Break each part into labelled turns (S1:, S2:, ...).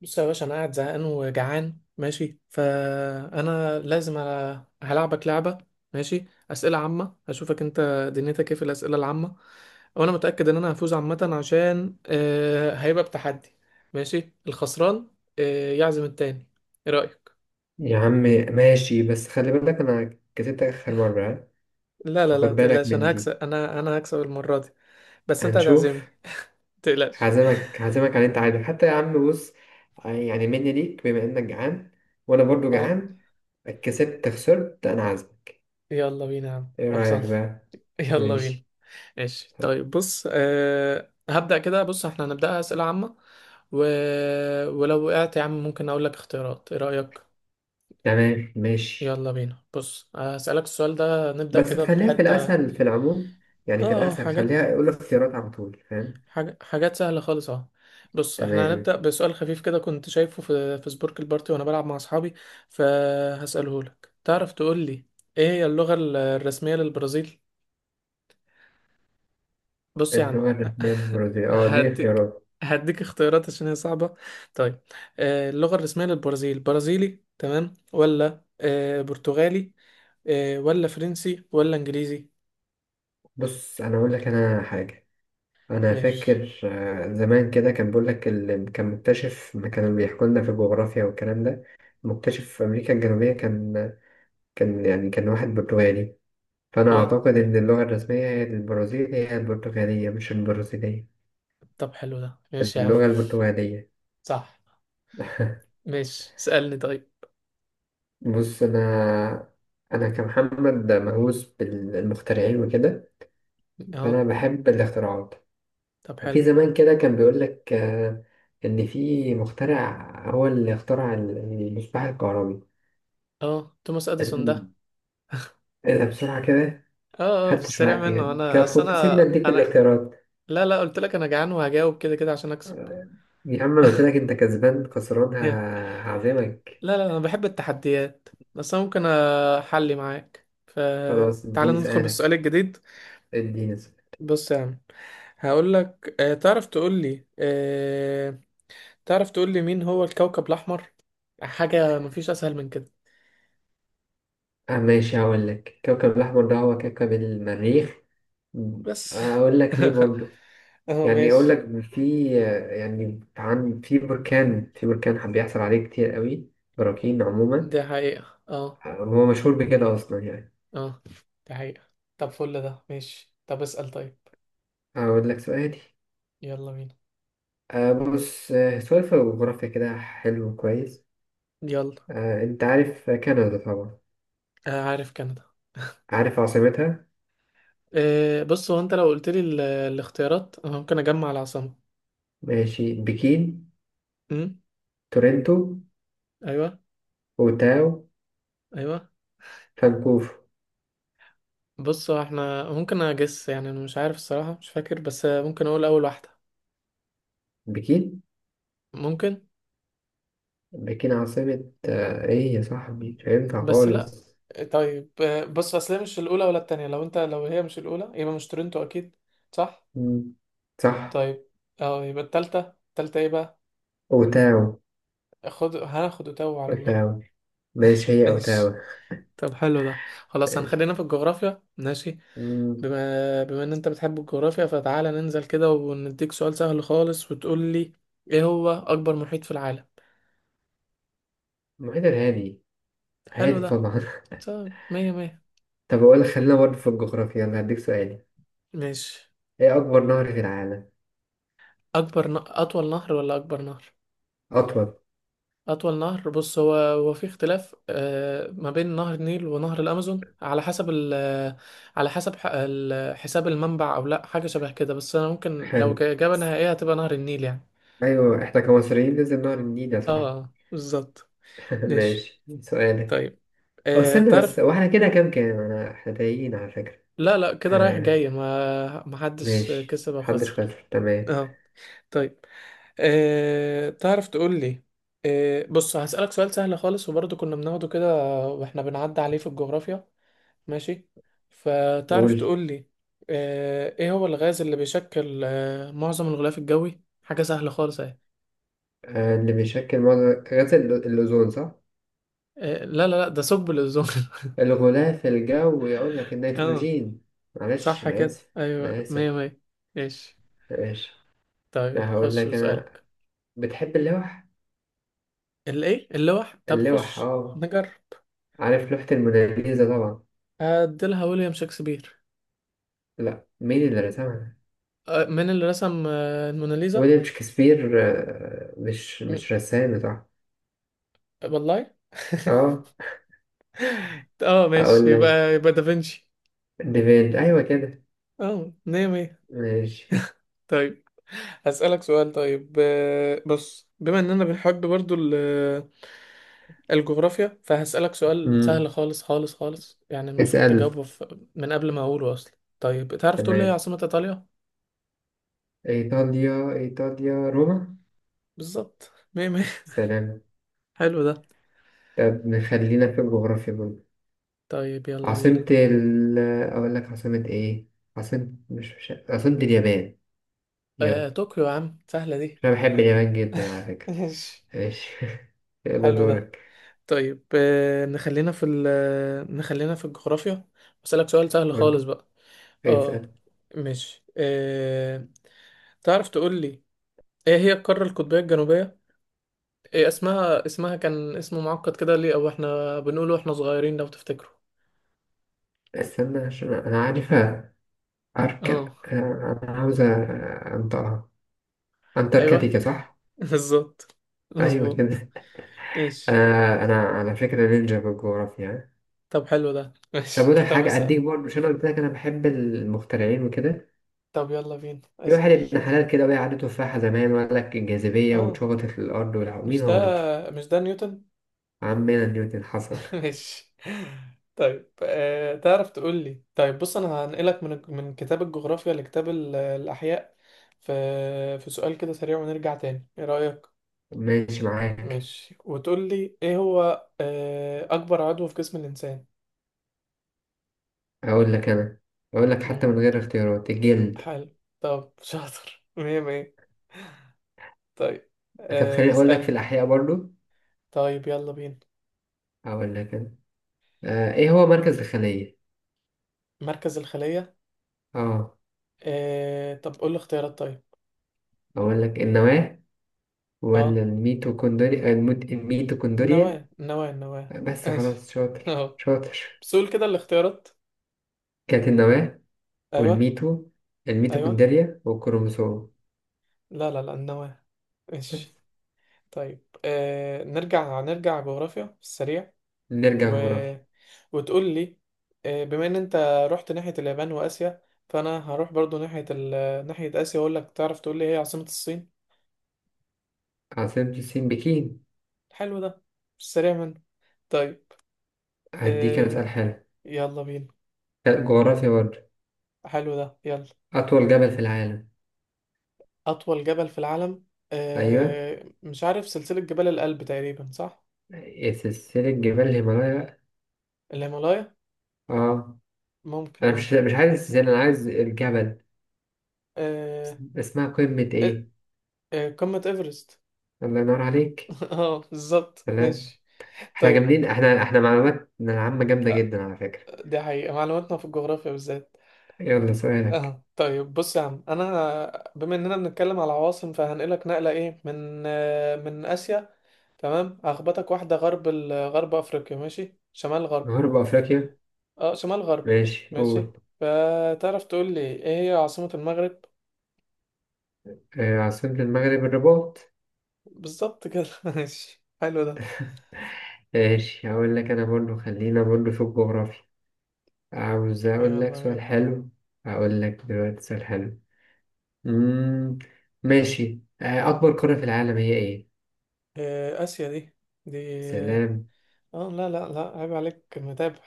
S1: بص يا باشا، انا قاعد زهقان وجعان، ماشي، فانا لازم هلعبك لعبه. ماشي. اسئله عامه، اشوفك انت دنيتك ايه في الاسئله العامه. وانا متاكد ان انا هفوز عامه عشان هيبقى بتحدي. ماشي، الخسران يعزم التاني. ايه رايك؟
S2: يا عم ماشي، بس خلي بالك انا كسبتك اخر مرة ها؟
S1: لا، لا،
S2: فخد
S1: لا، ما
S2: بالك
S1: تقلقش،
S2: من
S1: انا هكسب،
S2: دي.
S1: انا هكسب المره دي. بس انت
S2: هنشوف.
S1: هتعزمني، ما تقلقش.
S2: هعزمك هعزمك على اللي انت عايزه حتى. يا عم بص، يعني مني ليك بما انك جعان وانا برضو
S1: اه.
S2: جعان. كسبت خسرت انا عازمك.
S1: يلا بينا يا عم،
S2: ايه رأيك
S1: خلصان.
S2: بقى؟
S1: يلا بينا.
S2: ماشي.
S1: ماشي
S2: طب
S1: طيب. بص، هبدأ كده. بص، احنا هنبدأها أسئلة عامة و... ولو وقعت يا عم، ممكن أقول لك اختيارات. ايه رأيك؟
S2: تمام ماشي،
S1: يلا بينا. بص، هسألك السؤال ده، نبدأ
S2: بس
S1: كده
S2: خليها في
S1: بحتة اه
S2: الاسهل في العموم، يعني في
S1: اه
S2: الاسهل
S1: حاجات.
S2: خليها يقول اختيارات على طول فاهم.
S1: حاجات سهلة خالص، اه. بص، احنا
S2: تمام.
S1: هنبدأ بسؤال خفيف كده كنت شايفه في سبورك البارتي وانا بلعب مع اصحابي. فهسأله لك، تعرف تقول لي ايه هي اللغة الرسمية للبرازيل؟ بص يا عم.
S2: اللغة الرسمية للبرازيل؟ اه دي
S1: هديك
S2: اختيارات.
S1: هديك اختيارات عشان هي صعبة. طيب. اللغة الرسمية للبرازيل برازيلي تمام، ولا برتغالي، ولا فرنسي، ولا انجليزي؟
S2: بص انا اقول لك انا حاجة، انا
S1: ماشي.
S2: فاكر زمان كده كان بيقول لك اللي كان مكتشف، ما كانوا بيحكوا لنا في الجغرافيا والكلام ده. مكتشف في امريكا الجنوبيه، كان كان يعني كان واحد برتغالي، فانا
S1: اه.
S2: اعتقد ان اللغه الرسميه هي البرازيل هي البرتغاليه مش البرازيليه.
S1: طب حلو ده، ماشي يا عم.
S2: اللغه البرتغاليه.
S1: صح. ماشي، اسألني طيب.
S2: بص انا، انا كمحمد مهووس بالمخترعين وكده،
S1: اه.
S2: فانا بحب الاختراعات.
S1: طب حلو.
S2: في زمان كده كان بيقول لك ان في مخترع هو اللي اخترع المصباح الكهربي.
S1: اه، توماس اديسون ده.
S2: أنا بصراحة كده
S1: اه في
S2: فتش
S1: السريع
S2: معاك
S1: منه.
S2: يعني،
S1: انا
S2: كان
S1: اصل
S2: كنت سيبنا
S1: انا
S2: اديك
S1: انا
S2: الاختيارات.
S1: لا، لا، قلت لك انا جعان وهجاوب كده كده عشان اكسب.
S2: يا عم انا قلت لك انت كسبان خسران هعزمك.
S1: لا، لا، انا بحب التحديات. بس انا ممكن احلي معاك.
S2: خلاص
S1: فتعالى
S2: اديني
S1: ندخل بالسؤال
S2: اسألك،
S1: الجديد.
S2: اديني اسألك.
S1: بص يا عم، هقول لك تعرف تقول لي مين هو الكوكب الاحمر. حاجه مفيش اسهل من كده.
S2: آه ماشي، هقول لك كوكب الأحمر ده هو كوكب المريخ. م.
S1: بس.
S2: أقول لك ليه برضو،
S1: اه،
S2: يعني أقول
S1: ماشي.
S2: لك في يعني عن في بركان، بيحصل عليه كتير قوي، براكين عموما.
S1: دي حقيقه، اه
S2: هو مشهور بكده أصلا يعني.
S1: اه دي حقيقه. طب فل ده ماشي. طب اسال طيب.
S2: أقول لك سؤالي،
S1: يلا بينا.
S2: آه بص آه سؤال في الجغرافيا كده حلو كويس.
S1: يلا.
S2: آه أنت عارف كندا طبعا،
S1: عارف كندا.
S2: عارف عاصمتها؟
S1: بص، هو انت لو قلت لي الاختيارات، انا ممكن اجمع العاصمه.
S2: ماشي، بكين، تورنتو،
S1: ايوه.
S2: أوتاو،
S1: ايوه.
S2: فانكوفر.
S1: بص، هو احنا ممكن اجس، يعني انا مش عارف الصراحه، مش فاكر، بس ممكن اقول اول واحده.
S2: بكين؟
S1: ممكن.
S2: بكين عاصمة إيه يا صاحبي؟ مش هينفع
S1: بس لا.
S2: خالص.
S1: طيب. بص، اصل هي مش الاولى ولا التانية. لو هي مش الاولى، يبقى مش تورنتو اكيد. صح.
S2: مم. صح.
S1: طيب. اه. يبقى التالتة. التالتة ايه بقى؟
S2: أوتاو.
S1: هناخد وتو على الله.
S2: أوتاو. ماشي، هي أوتاو.
S1: ماشي. طب حلو ده. خلاص،
S2: ماشي.
S1: هنخلينا في الجغرافيا. ماشي.
S2: مم.
S1: بما ان انت بتحب الجغرافيا، فتعالى ننزل كده ونديك سؤال سهل خالص، وتقول لي ايه هو اكبر محيط في العالم؟
S2: المحيط الهادي،
S1: حلو
S2: هادي
S1: ده.
S2: طبعا
S1: طيب، مية مية.
S2: طب أقول لك، خلينا برضه في الجغرافيا، أنا هديك سؤالي.
S1: ماشي.
S2: إيه أكبر نهر في العالم؟
S1: أطول نهر ولا أكبر نهر؟
S2: أطول.
S1: أطول نهر. بص هو في اختلاف ما بين نهر النيل ونهر الأمازون، على حسب ال... آه، على حسب حساب المنبع، أو لأ. حاجة شبه كده. بس أنا ممكن لو
S2: حلو.
S1: إجابة نهائية هتبقى نهر النيل يعني.
S2: ايوه احنا كمصريين لازم نعرف النيل يا
S1: اه،
S2: صاحبي.
S1: بالظبط. ماشي.
S2: ماشي سؤالك.
S1: طيب.
S2: او استنى
S1: تعرف.
S2: بس، واحنا كده كام كام انا؟ احنا تايهين على فكرة.
S1: لا، لا، كده رايح جاي،
S2: ها،
S1: ما حدش
S2: ماشي
S1: كسب أو
S2: محدش
S1: خسر.
S2: خسر. تمام.
S1: اه. طيب. تعرف تقول لي أه بص، هسألك سؤال سهل خالص، وبرضه كنا بناخده كده واحنا بنعدي عليه في الجغرافيا. ماشي. فتعرف
S2: قول.
S1: تقول لي ايه هو الغاز اللي بيشكل معظم الغلاف الجوي؟ حاجة سهلة خالص اهي.
S2: اللي بيشكل معظم غاز الأوزون صح؟
S1: لا، لا، لا، ده ثقب الأوزون.
S2: الغلاف الجوي يقول لك
S1: اه،
S2: النيتروجين. معلش
S1: صح
S2: أنا
S1: كده،
S2: آسف. أنا
S1: ايوه. مية
S2: آسف.
S1: مية. ماشي.
S2: ماشي.
S1: طيب،
S2: لا هقول
S1: خش
S2: لك أنا،
S1: بسألك.
S2: بتحب اللوح؟
S1: الايه اللوح؟ طب
S2: اللوح
S1: خش
S2: اه.
S1: نجرب.
S2: عارف لوحة الموناليزا طبعا؟
S1: هديلها ويليام شكسبير.
S2: لا مين اللي رسمها؟
S1: من اللي رسم الموناليزا؟
S2: ويليام شكسبير، مش رسام صح؟
S1: والله.
S2: اه
S1: اه، ماشي.
S2: اقول لك،
S1: يبقى دافنشي.
S2: ديفيد ايوه كده.
S1: اه، مية مية.
S2: ماشي.
S1: طيب. هسألك سؤال. طيب بص، بما اننا بنحب برضو الجغرافيا، فهسألك سؤال سهل
S2: امم
S1: خالص خالص خالص. يعني المفروض
S2: اسأل.
S1: تجاوبه من قبل ما اقوله اصلا. طيب، تعرف تقول لي إيه
S2: تمام،
S1: عاصمة ايطاليا؟
S2: ايطاليا، ايطاليا روما.
S1: بالظبط، مية مية.
S2: سلام.
S1: حلو ده.
S2: طب نخلينا في الجغرافيا برضه.
S1: طيب، يلا بينا.
S2: عاصمة ال، اقول لك عاصمة ايه، عاصمة مش عاصمة اليابان. يلا.
S1: طوكيو يا عم، سهلة دي.
S2: انا بحب اليابان جدا على فكرة.
S1: ماشي.
S2: ماشي. يلا
S1: حلو ده.
S2: دورك.
S1: طيب نخلينا في ال نخلينا في الجغرافيا. بسألك سؤال سهل خالص
S2: برضه.
S1: بقى. اه،
S2: اسأل.
S1: ماشي. تعرف تقول لي ايه هي القارة القطبية الجنوبية. إيه اسمها؟ اسمها كان اسم معقد كده، ليه او احنا بنقوله واحنا صغيرين لو تفتكروا.
S2: استنى عشان انا عارف. أرك،
S1: اه،
S2: أنا عاوزة أنطقها،
S1: ايوه.
S2: أنتاركتيكا صح؟
S1: بالظبط،
S2: أيوة
S1: مظبوط.
S2: كده.
S1: ماشي.
S2: أنا أنا على فكرة نينجا بالجغرافيا.
S1: طب حلو ده.
S2: طب أقول
S1: ماشي،
S2: لك
S1: طب
S2: حاجة
S1: اسأل.
S2: أديك برضه، عشان أنا قلت لك أنا بحب المخترعين وكده.
S1: طب يلا بينا،
S2: في واحد
S1: اسأل.
S2: ابن حلال كده وقع عليه تفاحة زمان وقال لك الجاذبية
S1: اه.
S2: واتشبطت للأرض مين
S1: مش ده
S2: هو؟
S1: مش ده نيوتن.
S2: عمنا نيوتن، حصل.
S1: ماشي. طيب تعرف تقول لي طيب، بص انا هنقلك من كتاب الجغرافيا لكتاب الاحياء. في في سؤال كده سريع ونرجع تاني. ايه رأيك؟
S2: ماشي معاك.
S1: ماشي. وتقول لي ايه هو اكبر عضو في جسم الانسان؟
S2: أقول لك أنا، أقول لك حتى
S1: مم.
S2: من غير اختيارات: الجلد.
S1: حلو. طب شاطر، مية مية. طيب
S2: طب خليني أقول لك في
S1: اسألني.
S2: الأحياء برضه.
S1: طيب، يلا بينا.
S2: أقول لك أنا، آه إيه هو مركز الخلية؟
S1: مركز الخلية.
S2: آه.
S1: طب قول لي اختيارات طيب.
S2: أقول لك النواة
S1: اه،
S2: ولا الميتوكوندريا، الميتوكوندريا.
S1: النواة، النواة، النواة.
S2: بس
S1: ماشي.
S2: خلاص، شاطر
S1: اهو.
S2: شاطر.
S1: بس قول كده الاختيارات.
S2: كانت النواة
S1: أيوه.
S2: والميتو
S1: ايوه،
S2: الميتوكوندريا والكروموسوم.
S1: لا، لا، لا، النواة.
S2: بس.
S1: ماشي. طيب. نرجع جغرافيا في السريع.
S2: نرجع
S1: و...
S2: جغرافيا.
S1: وتقول لي بما ان انت رحت ناحية اليابان واسيا، فانا هروح برضو ناحية اسيا، واقول لك تعرف تقول لي ايه عاصمة الصين؟
S2: عاصمة الصين بكين.
S1: حلو ده. في السريع منه. طيب.
S2: هديك أنا
S1: آه
S2: سؤال حلو.
S1: يلا بينا.
S2: لا، جغرافيا برضه.
S1: حلو ده. يلا.
S2: أطول جبل في العالم.
S1: اطول جبل في العالم.
S2: أيوه.
S1: مش عارف. سلسلة جبال الألب تقريبا، صح؟
S2: إيه سلسلة جبال الهيمالايا بقى.
S1: الهيمالايا.
S2: آه
S1: ممكن،
S2: أنا مش
S1: اه.
S2: مش عايز السلسلة، أنا عايز الجبل.
S1: آه،
S2: اسمها قمة
S1: آه،
S2: إيه؟
S1: قمة إيفرست.
S2: الله ينور عليك.
S1: اه، بالظبط.
S2: تمام.
S1: ماشي.
S2: احنا
S1: طيب.
S2: جامدين، احنا احنا معلوماتنا العامة جامدة جدا على فكرة.
S1: دي حقيقة. معلوماتنا في الجغرافيا بالذات.
S2: يلا سؤالك.
S1: اه. طيب بص يا عم، انا بما اننا بنتكلم على عواصم، فهنقلك نقلة ايه، من اسيا. تمام. هخبطك واحدة غرب غرب افريقيا. ماشي شمال غرب.
S2: غرب أفريقيا؟
S1: اه، شمال غرب.
S2: ماشي
S1: ماشي.
S2: قول.
S1: فتعرف تقول لي ايه هي عاصمة المغرب؟
S2: آه عاصمة المغرب الرباط.
S1: بالظبط كده. ماشي، حلو ده.
S2: ماشي. هقول لك أنا برضو، خلينا برضو في الجغرافيا. عاوز أقول لك
S1: يلا بينا.
S2: سؤال حلو. هقول لك دلوقتي سؤال حلو. مم. ماشي، آه أكبر قارة في العالم هي إيه؟
S1: اسيا دي. دي،
S2: سلام.
S1: اه، لا، لا، لا، عيب عليك متابع.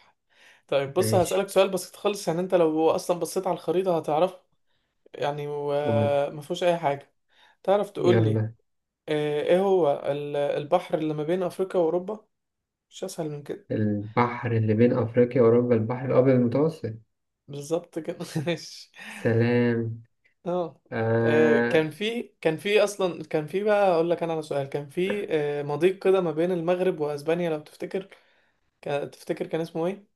S1: طيب، بص هسألك
S2: ماشي
S1: سؤال بسيط خالص. يعني انت لو اصلا بصيت على الخريطة هتعرفه. يعني،
S2: قول.
S1: وما فيهوش اي حاجة. تعرف تقول لي
S2: يلا.
S1: ايه هو البحر اللي ما بين افريقيا واوروبا؟ مش اسهل من كده.
S2: البحر اللي بين أفريقيا وأوروبا البحر الأبيض المتوسط.
S1: بالظبط كده. ماشي.
S2: سلام.
S1: اه.
S2: آه.
S1: كان في اصلا، كان في بقى اقول لك انا على سؤال. كان في مضيق كده ما بين المغرب واسبانيا لو تفتكر. تفتكر كان اسمه ايه؟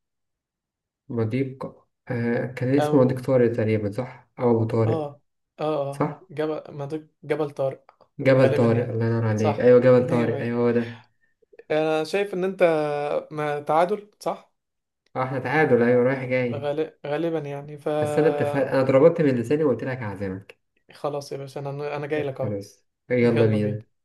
S2: مضيق، آه كان اسمه مضيق
S1: او
S2: طارق تقريبا صح؟ أو أبو طارق.
S1: اه
S2: صح؟
S1: جبل ما، ده جبل طارق.
S2: جبل
S1: غالبا
S2: طارق
S1: يعني.
S2: الله ينور عليك،
S1: صح.
S2: ايوه جبل
S1: مية
S2: طارق،
S1: مية.
S2: ايوه هو ده.
S1: انا شايف ان انت ما تعادل صح.
S2: اه احنا تعادل، ايوه رايح جاي.
S1: غالبا يعني
S2: بس انا اتفق، انا اتربطت من لساني وقلت لك هعزمك.
S1: خلاص يا باشا، انا جاي لك اهو.
S2: خلاص يلا
S1: يلا بينا.
S2: بينا.